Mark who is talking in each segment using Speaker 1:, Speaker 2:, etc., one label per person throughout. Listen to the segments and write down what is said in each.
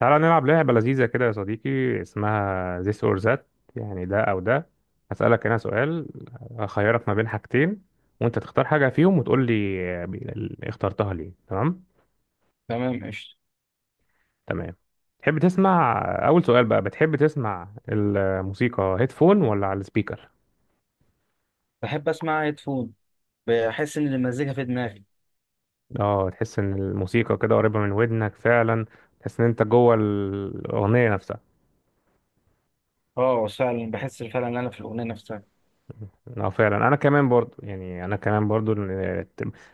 Speaker 1: تعالى نلعب لعبة لذيذة كده يا صديقي، اسمها this or that. يعني ده أو ده. هسألك أنا سؤال، أخيرك ما بين حاجتين، وأنت تختار حاجة فيهم وتقول لي اخترتها ليه. تمام
Speaker 2: تمام، قشطة.
Speaker 1: تمام. تحب تسمع أول سؤال بقى، بتحب تسمع الموسيقى هيدفون ولا على السبيكر؟
Speaker 2: بحب أسمع هيدفون، بحس إن المزيكا في دماغي.
Speaker 1: اه، تحس إن الموسيقى كده قريبة من ودنك فعلا. تحس إن أنت جوه الأغنية نفسها.
Speaker 2: اه، فعلا بحس فعلا إن أنا في الأغنية نفسها.
Speaker 1: اه فعلا، انا كمان برضو،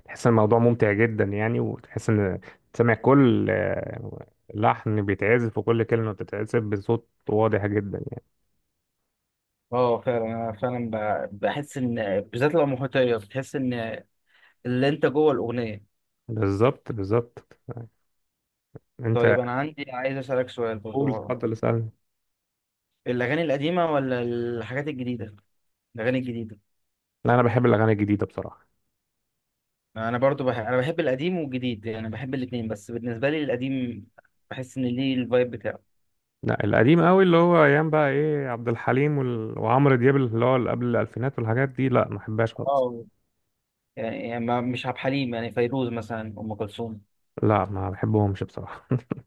Speaker 1: تحس ان الموضوع ممتع جدا يعني، وتحس ان تسمع كل لحن بيتعزف وكل كلمة بتتعزف بصوت واضح جدا يعني.
Speaker 2: اه فعلا أنا فعلا بحس إن بالذات لو محيطية بتحس إن اللي أنت جوه الأغنية.
Speaker 1: بالظبط بالظبط. انت
Speaker 2: طيب أنا عندي، عايز أسألك سؤال
Speaker 1: قول
Speaker 2: برضو.
Speaker 1: اتفضل اسألني.
Speaker 2: الأغاني القديمة ولا الحاجات الجديدة؟ الأغاني الجديدة.
Speaker 1: لا انا بحب الاغاني الجديدة بصراحة.
Speaker 2: أنا برضو بحب، أنا بحب القديم والجديد، يعني بحب الاتنين، بس بالنسبة لي القديم بحس إن ليه الفايب بتاعه.
Speaker 1: لا، القديم قوي اللي هو ايام بقى ايه عبد الحليم وعمرو دياب، اللي هو اللي قبل الالفينات والحاجات دي، لا ما بحبهاش خالص.
Speaker 2: اه يعني مش عبد الحليم، يعني فيروز مثلا، أم كلثوم.
Speaker 1: لا ما بحبهمش بصراحة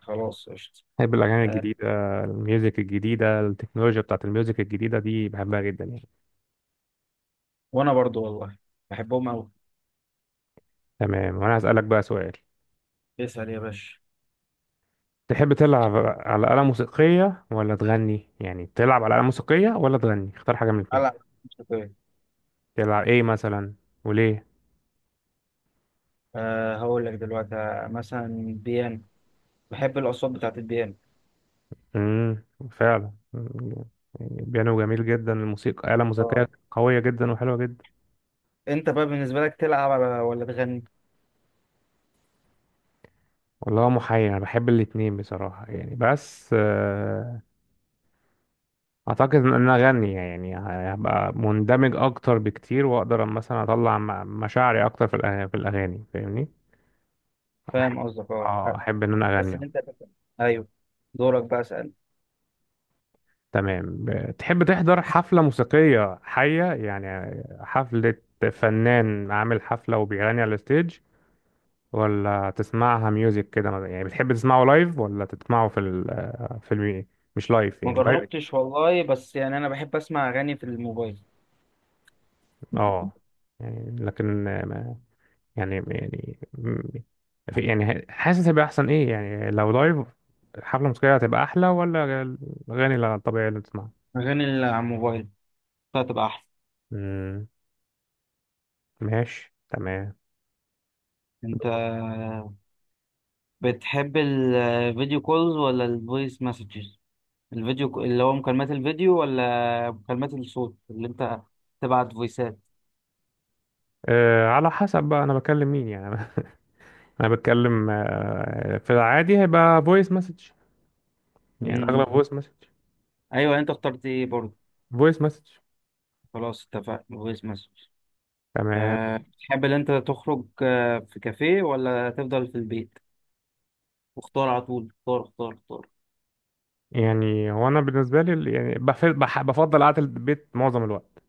Speaker 2: خلاص قشطة.
Speaker 1: بحب الأغاني
Speaker 2: آه،
Speaker 1: الجديدة. الميوزك الجديدة، التكنولوجيا بتاعت الميوزك الجديدة دي بحبها جدا يعني.
Speaker 2: وانا برضو والله بحبهم قوي.
Speaker 1: تمام، وأنا هسألك بقى سؤال.
Speaker 2: اسال يا باشا.
Speaker 1: تحب تلعب على آلة موسيقية ولا تغني؟ يعني تلعب على آلة موسيقية ولا تغني، اختار حاجة من الاتنين.
Speaker 2: على موسيقية.
Speaker 1: تلعب إيه مثلا؟ وليه؟
Speaker 2: أه هقول لك دلوقتي، مثلا بيانو، بحب الأصوات بتاعت البيانو.
Speaker 1: امم فعلا مم. يعني بيانو جميل جدا، الموسيقى آلة
Speaker 2: اه.
Speaker 1: موسيقية قوية جدا وحلوة جدا.
Speaker 2: أنت بقى بالنسبة لك، تلعب على ولا تغني؟
Speaker 1: والله محير، أنا بحب الاتنين بصراحة يعني، بس اعتقد ان انا اغني، يعني هبقى مندمج اكتر بكتير، واقدر مثلا اطلع مشاعري اكتر في في الاغاني، فاهمني؟ أحب-
Speaker 2: فاهم قصدك،
Speaker 1: اه
Speaker 2: أه.
Speaker 1: احب ان انا
Speaker 2: بس إن
Speaker 1: اغني.
Speaker 2: أنت تفهم. أيوه. دورك بقى، اسأل.
Speaker 1: تمام، تحب تحضر حفلة موسيقية حية يعني؟ حفلة فنان عامل حفلة وبيغني على الستيج، ولا تسمعها ميوزك كده مثلاً؟ يعني بتحب تسمعه لايف ولا تسمعه في المي... مش لايف،
Speaker 2: ما
Speaker 1: يعني لايف.
Speaker 2: جربتش والله، بس يعني أنا بحب أسمع أغاني في الموبايل.
Speaker 1: اه، يعني لكن، يعني يعني م- يعني حاسس هيبقى احسن ايه يعني، لو لايف حفلة موسيقية هتبقى احلى ولا الاغاني الطبيعية اللي بتسمعها؟
Speaker 2: أغاني اللي على الموبايل هتبقى أحسن.
Speaker 1: امم ماشي تمام.
Speaker 2: أنت بتحب الفيديو كولز ولا الفويس مسجز؟ اللي هو مكالمات الفيديو ولا مكالمات الصوت، اللي انت تبعت فويسات.
Speaker 1: أه، على حسب بقى انا بكلم مين يعني انا بتكلم في العادي هيبقى فويس مسج، يعني
Speaker 2: امم،
Speaker 1: الاغلب فويس مسج.
Speaker 2: ايوه، انت اخترت ايه برضه؟
Speaker 1: فويس مسج.
Speaker 2: خلاص، اتفقنا فويس مسج.
Speaker 1: تمام.
Speaker 2: أه، بتحب ان انت تخرج، في كافيه، ولا تفضل في البيت؟ واختار على طول، اختار اختار.
Speaker 1: يعني هو انا بالنسبه لي بفضل قعده البيت معظم الوقت،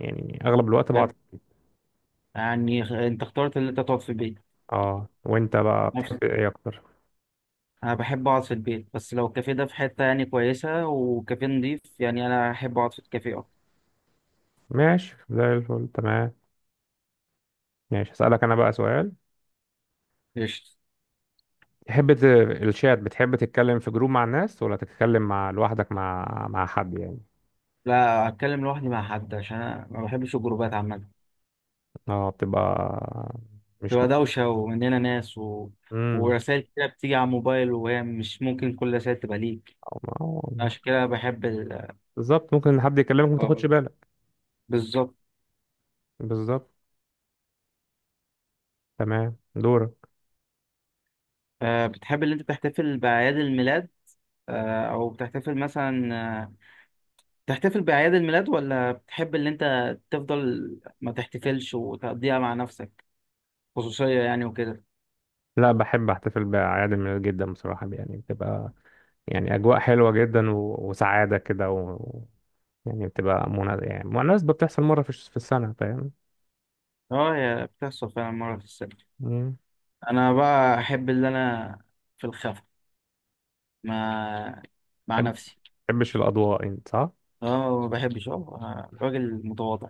Speaker 1: يعني اغلب الوقت بقعد.
Speaker 2: بحب، يعني انت اخترت ان انت تقعد في البيت.
Speaker 1: اه، وانت بقى
Speaker 2: نفس،
Speaker 1: بتحب ايه اكتر؟
Speaker 2: انا بحب اقعد في البيت، بس لو الكافيه ده في حته يعني كويسه، وكافيه نضيف، يعني انا احب اقعد في الكافيه اكتر.
Speaker 1: ماشي زي الفل تمام. ماشي، هسألك أنا بقى سؤال.
Speaker 2: قشطة.
Speaker 1: تحب ت- الشات، بتحب تتكلم في جروب مع الناس ولا تتكلم مع لوحدك مع حد يعني؟
Speaker 2: لا، اتكلم لوحدي مع حد، عشان انا ما بحبش الجروبات عامه.
Speaker 1: اه، بتبقى مش م...
Speaker 2: تبقى دوشة، ومننا ناس، و...
Speaker 1: مم.
Speaker 2: ورسائل كده بتيجي على الموبال، وهي مش ممكن كل رسائل تبقى ليك.
Speaker 1: أو ما هو مش
Speaker 2: عشان كده بحب ال...
Speaker 1: بالظبط، ممكن حد يكلمك ما
Speaker 2: اه،
Speaker 1: تاخدش بالك.
Speaker 2: بالظبط.
Speaker 1: بالظبط. تمام، دورك.
Speaker 2: آه، بتحب اللي انت تحتفل بأعياد الميلاد، آه او بتحتفل مثلا، آه، تحتفل بأعياد الميلاد، ولا بتحب اللي انت تفضل ما تحتفلش، وتقضيها مع نفسك خصوصية يعني وكده؟
Speaker 1: لا، بحب احتفل بأعياد الميلاد جدا بصراحة، يعني بتبقى يعني أجواء حلوة جدا وسعادة كده يعني بتبقى يعني مناسبة بتحصل مرة في السنة، فاهم؟
Speaker 2: اه، هي بتحصل فعلا مرة في السنة.
Speaker 1: مم.
Speaker 2: انا بقى احب اللي انا في الخفا، مع، مع
Speaker 1: مبحبش-
Speaker 2: نفسي.
Speaker 1: مبحبش الأضواء، أنت صح؟
Speaker 2: اه ما بحبش، اه، أنا راجل متواضع.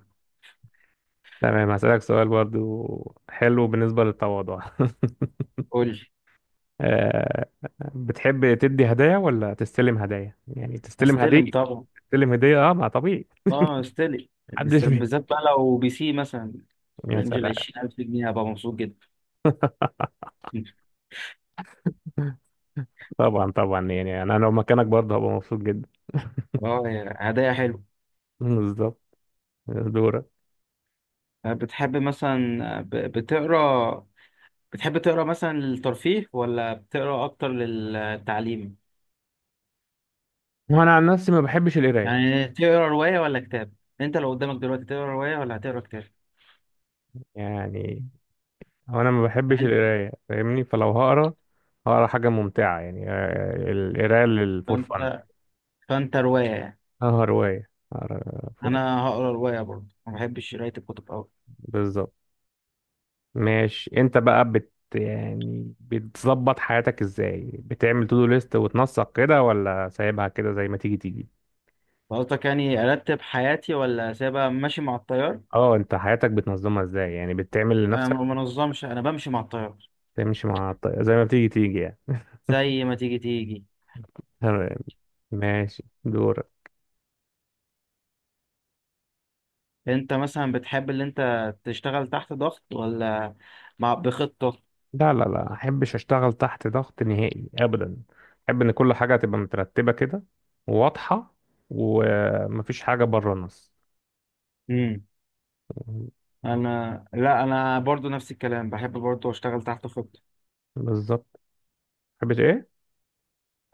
Speaker 1: تمام، هسألك سؤال برضو حلو بالنسبة للتواضع
Speaker 2: قول لي.
Speaker 1: آه، بتحب تدي هدايا ولا تستلم هدايا؟ يعني تستلم هدية.
Speaker 2: استلم طبعا.
Speaker 1: تستلم هدية، اه ما طبيعي.
Speaker 2: اه استلم.
Speaker 1: محدش
Speaker 2: استلم
Speaker 1: بي
Speaker 2: بالذات بقى لو بي سي مثلا في
Speaker 1: يا
Speaker 2: رينج ال
Speaker 1: سلام
Speaker 2: 20,000 جنيه، هبقى مبسوط جدا.
Speaker 1: طبعا طبعا، يعني أنا لو مكانك برضه هبقى مبسوط جدا.
Speaker 2: اه، يا هدايا حلو.
Speaker 1: بالظبط. دورك.
Speaker 2: بتحب مثلا، بتقرا، بتحب تقرا مثلا للترفيه ولا بتقرا اكتر للتعليم؟
Speaker 1: وأنا عن نفسي ما بحبش القراية.
Speaker 2: يعني تقرا رواية ولا كتاب؟ انت لو قدامك دلوقتي، تقرا رواية ولا هتقرا كتاب؟
Speaker 1: يعني هو أنا ما
Speaker 2: يعني
Speaker 1: بحبش
Speaker 2: انت-
Speaker 1: القراية فاهمني، فلو هقرا هقرا حاجة ممتعة يعني، القراية للفور فن.
Speaker 2: فانت، فانت رواية يعني.
Speaker 1: اه رواية،
Speaker 2: انا هقرا رواية برضه، ما بحبش قراية الكتب أوي.
Speaker 1: بالظبط. ماشي، انت بقى بت يعني بتظبط حياتك ازاي، بتعمل تو دو ليست وتنسق كده ولا سايبها كده زي ما تيجي تيجي؟
Speaker 2: قصدك يعني ارتب حياتي، ولا سيبها ماشي مع التيار؟
Speaker 1: اه، انت حياتك بتنظمها ازاي، يعني بتعمل
Speaker 2: انا ما
Speaker 1: لنفسك؟
Speaker 2: منظمش، انا بمشي مع التيار.
Speaker 1: تمشي مع زي ما بتيجي تيجي يعني.
Speaker 2: زي ما تيجي تيجي.
Speaker 1: تمام، ماشي دورك.
Speaker 2: انت مثلا بتحب اللي انت تشتغل تحت ضغط، ولا مع بخطة؟
Speaker 1: لا لا لا، احبش اشتغل تحت ضغط نهائي ابدا. احب ان كل حاجة تبقى مترتبة كده، وواضحة، ومفيش حاجة بره النص.
Speaker 2: امم، انا لا، برضو نفس الكلام، بحب برضو اشتغل تحت خطة.
Speaker 1: بالظبط. تحبش ايه؟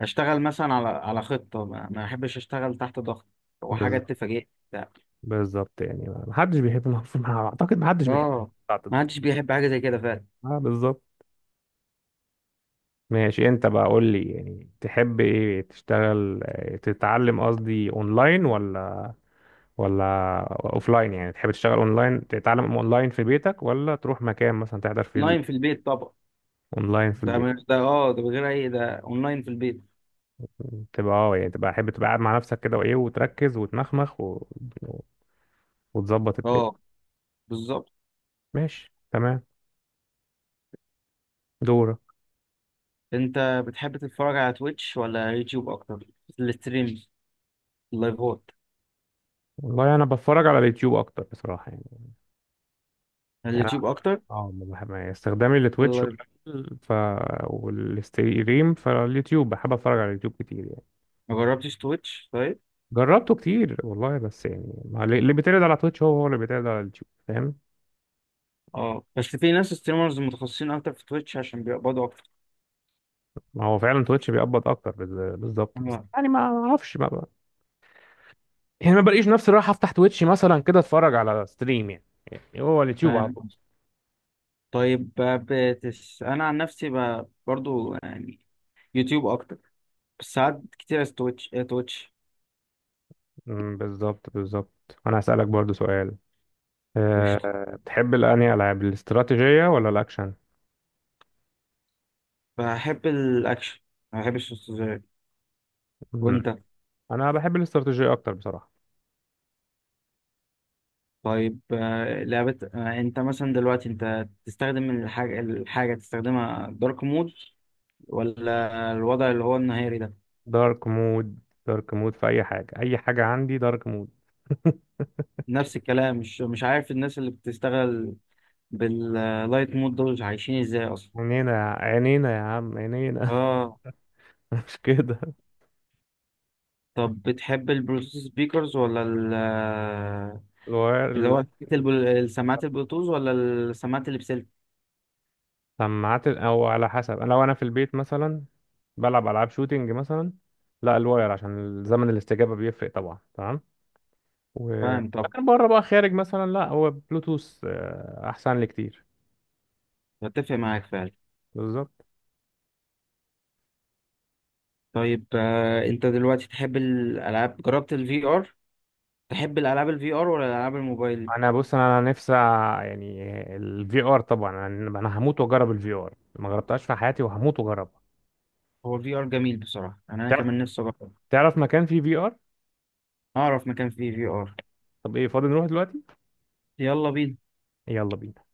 Speaker 2: اشتغل مثلا على، خطة، ما احبش اشتغل تحت ضغط وحاجات
Speaker 1: بالظبط
Speaker 2: تفاجئ. لا.
Speaker 1: بالظبط، يعني ما حدش بيحب ما ما- اعتقد ما حدش بيحب
Speaker 2: اه،
Speaker 1: التعطيل.
Speaker 2: ما حدش بيحب حاجة زي كده فعلا.
Speaker 1: اه بالظبط. ماشي، انت بقى قول لي يعني، تحب ايه تشتغل، تتعلم قصدي اونلاين ولا اوفلاين؟ يعني تحب تشتغل اونلاين، تتعلم اونلاين في بيتك، ولا تروح مكان مثلا تحضر فيه؟
Speaker 2: اونلاين في البيت طبعا.
Speaker 1: اونلاين في
Speaker 2: ده
Speaker 1: البيت.
Speaker 2: ده اه ده بغير اي، ده اونلاين في البيت.
Speaker 1: تبقى اه، يعني تبقى حابب تبقى قاعد مع نفسك كده وايه، وتركز وتنخمخ وتظبط الدنيا.
Speaker 2: اه، بالظبط.
Speaker 1: ماشي تمام، دورك.
Speaker 2: انت بتحب تتفرج على تويتش ولا يوتيوب اكتر؟ الستريم، اللايفات.
Speaker 1: والله انا بتفرج على اليوتيوب اكتر بصراحة، يعني
Speaker 2: اليوتيوب اكتر.
Speaker 1: اه ما بحب، يعني استخدامي لتويتش
Speaker 2: اللايف.
Speaker 1: قليل. ف والستريم، فاليوتيوب بحب اتفرج على اليوتيوب كتير يعني.
Speaker 2: ما جربتش تويتش طيب.
Speaker 1: جربته كتير والله، بس يعني ما ل- اللي بيتعرض على تويتش هو هو اللي بيتعرض على اليوتيوب، فاهم؟
Speaker 2: اه، بس في ناس ستريمرز متخصصين اكتر في تويتش عشان بيقبضوا اكتر.
Speaker 1: ما هو فعلا تويتش بيقبض اكتر بالظبط، بس
Speaker 2: اه
Speaker 1: يعني ما اعرفش يعني ما بلاقيش نفسي رايح افتح تويتش مثلا كده اتفرج على ستريم يعني. يعني هو اليوتيوب على
Speaker 2: فاهم.
Speaker 1: طول.
Speaker 2: طيب، انا عن نفسي، ب... برضو يعني يوتيوب اكتر، بس ساعات كتير تويتش، اه تويتش.
Speaker 1: بالظبط بالظبط، انا هسألك برضو سؤال
Speaker 2: قشطة.
Speaker 1: أه بتحب الأنهي، ألعاب الاستراتيجية ولا الأكشن؟
Speaker 2: بحب الاكشن، ما بحبش السوشيال.
Speaker 1: أمم،
Speaker 2: وانت؟
Speaker 1: أنا بحب الاستراتيجية أكتر بصراحة.
Speaker 2: طيب، لعبة، انت مثلا دلوقتي انت تستخدم الحاجة تستخدمها دارك مود، ولا الوضع اللي هو النهاري ده؟
Speaker 1: دارك مود. دارك مود في اي حاجه، اي حاجه عندي دارك مود
Speaker 2: نفس الكلام، مش عارف الناس اللي بتشتغل باللايت مود دول عايشين ازاي اصلا.
Speaker 1: عينينا عينينا يا عم، عينينا
Speaker 2: اه.
Speaker 1: مش كده.
Speaker 2: طب بتحب البلوتوث سبيكرز، ولا اللي
Speaker 1: الواير.
Speaker 2: هو السماعات البلوتوث، ولا السماعات اللي بسلك؟
Speaker 1: السماعات او على حسب، انا لو في البيت مثلا بلعب العاب شوتينج مثلا، لا الواير عشان زمن الاستجابه بيفرق طبعا، تمام. و...
Speaker 2: فاهم. طب
Speaker 1: لكن بره بقى، خارج مثلا، لا هو بلوتوث، احسن لي كتير.
Speaker 2: بتفق معاك فعلا.
Speaker 1: بالظبط.
Speaker 2: طيب، انت دلوقتي تحب الالعاب، جربت الفي ار؟ تحب الالعاب الفي ار، ولا الالعاب الموبايل؟
Speaker 1: انا بص، انا نفسي يعني الفي ار طبعا، انا هموت واجرب الفي ار، ما جربتهاش في حياتي وهموت واجربها.
Speaker 2: هو الفي ار جميل بصراحه، يعني انا كمان نفسي اجرب.
Speaker 1: تعرف مكان فيه في ار؟
Speaker 2: اعرف مكان فيه في ار.
Speaker 1: طب ايه، فاضي نروح دلوقتي؟
Speaker 2: يلا بينا.
Speaker 1: يلا بينا.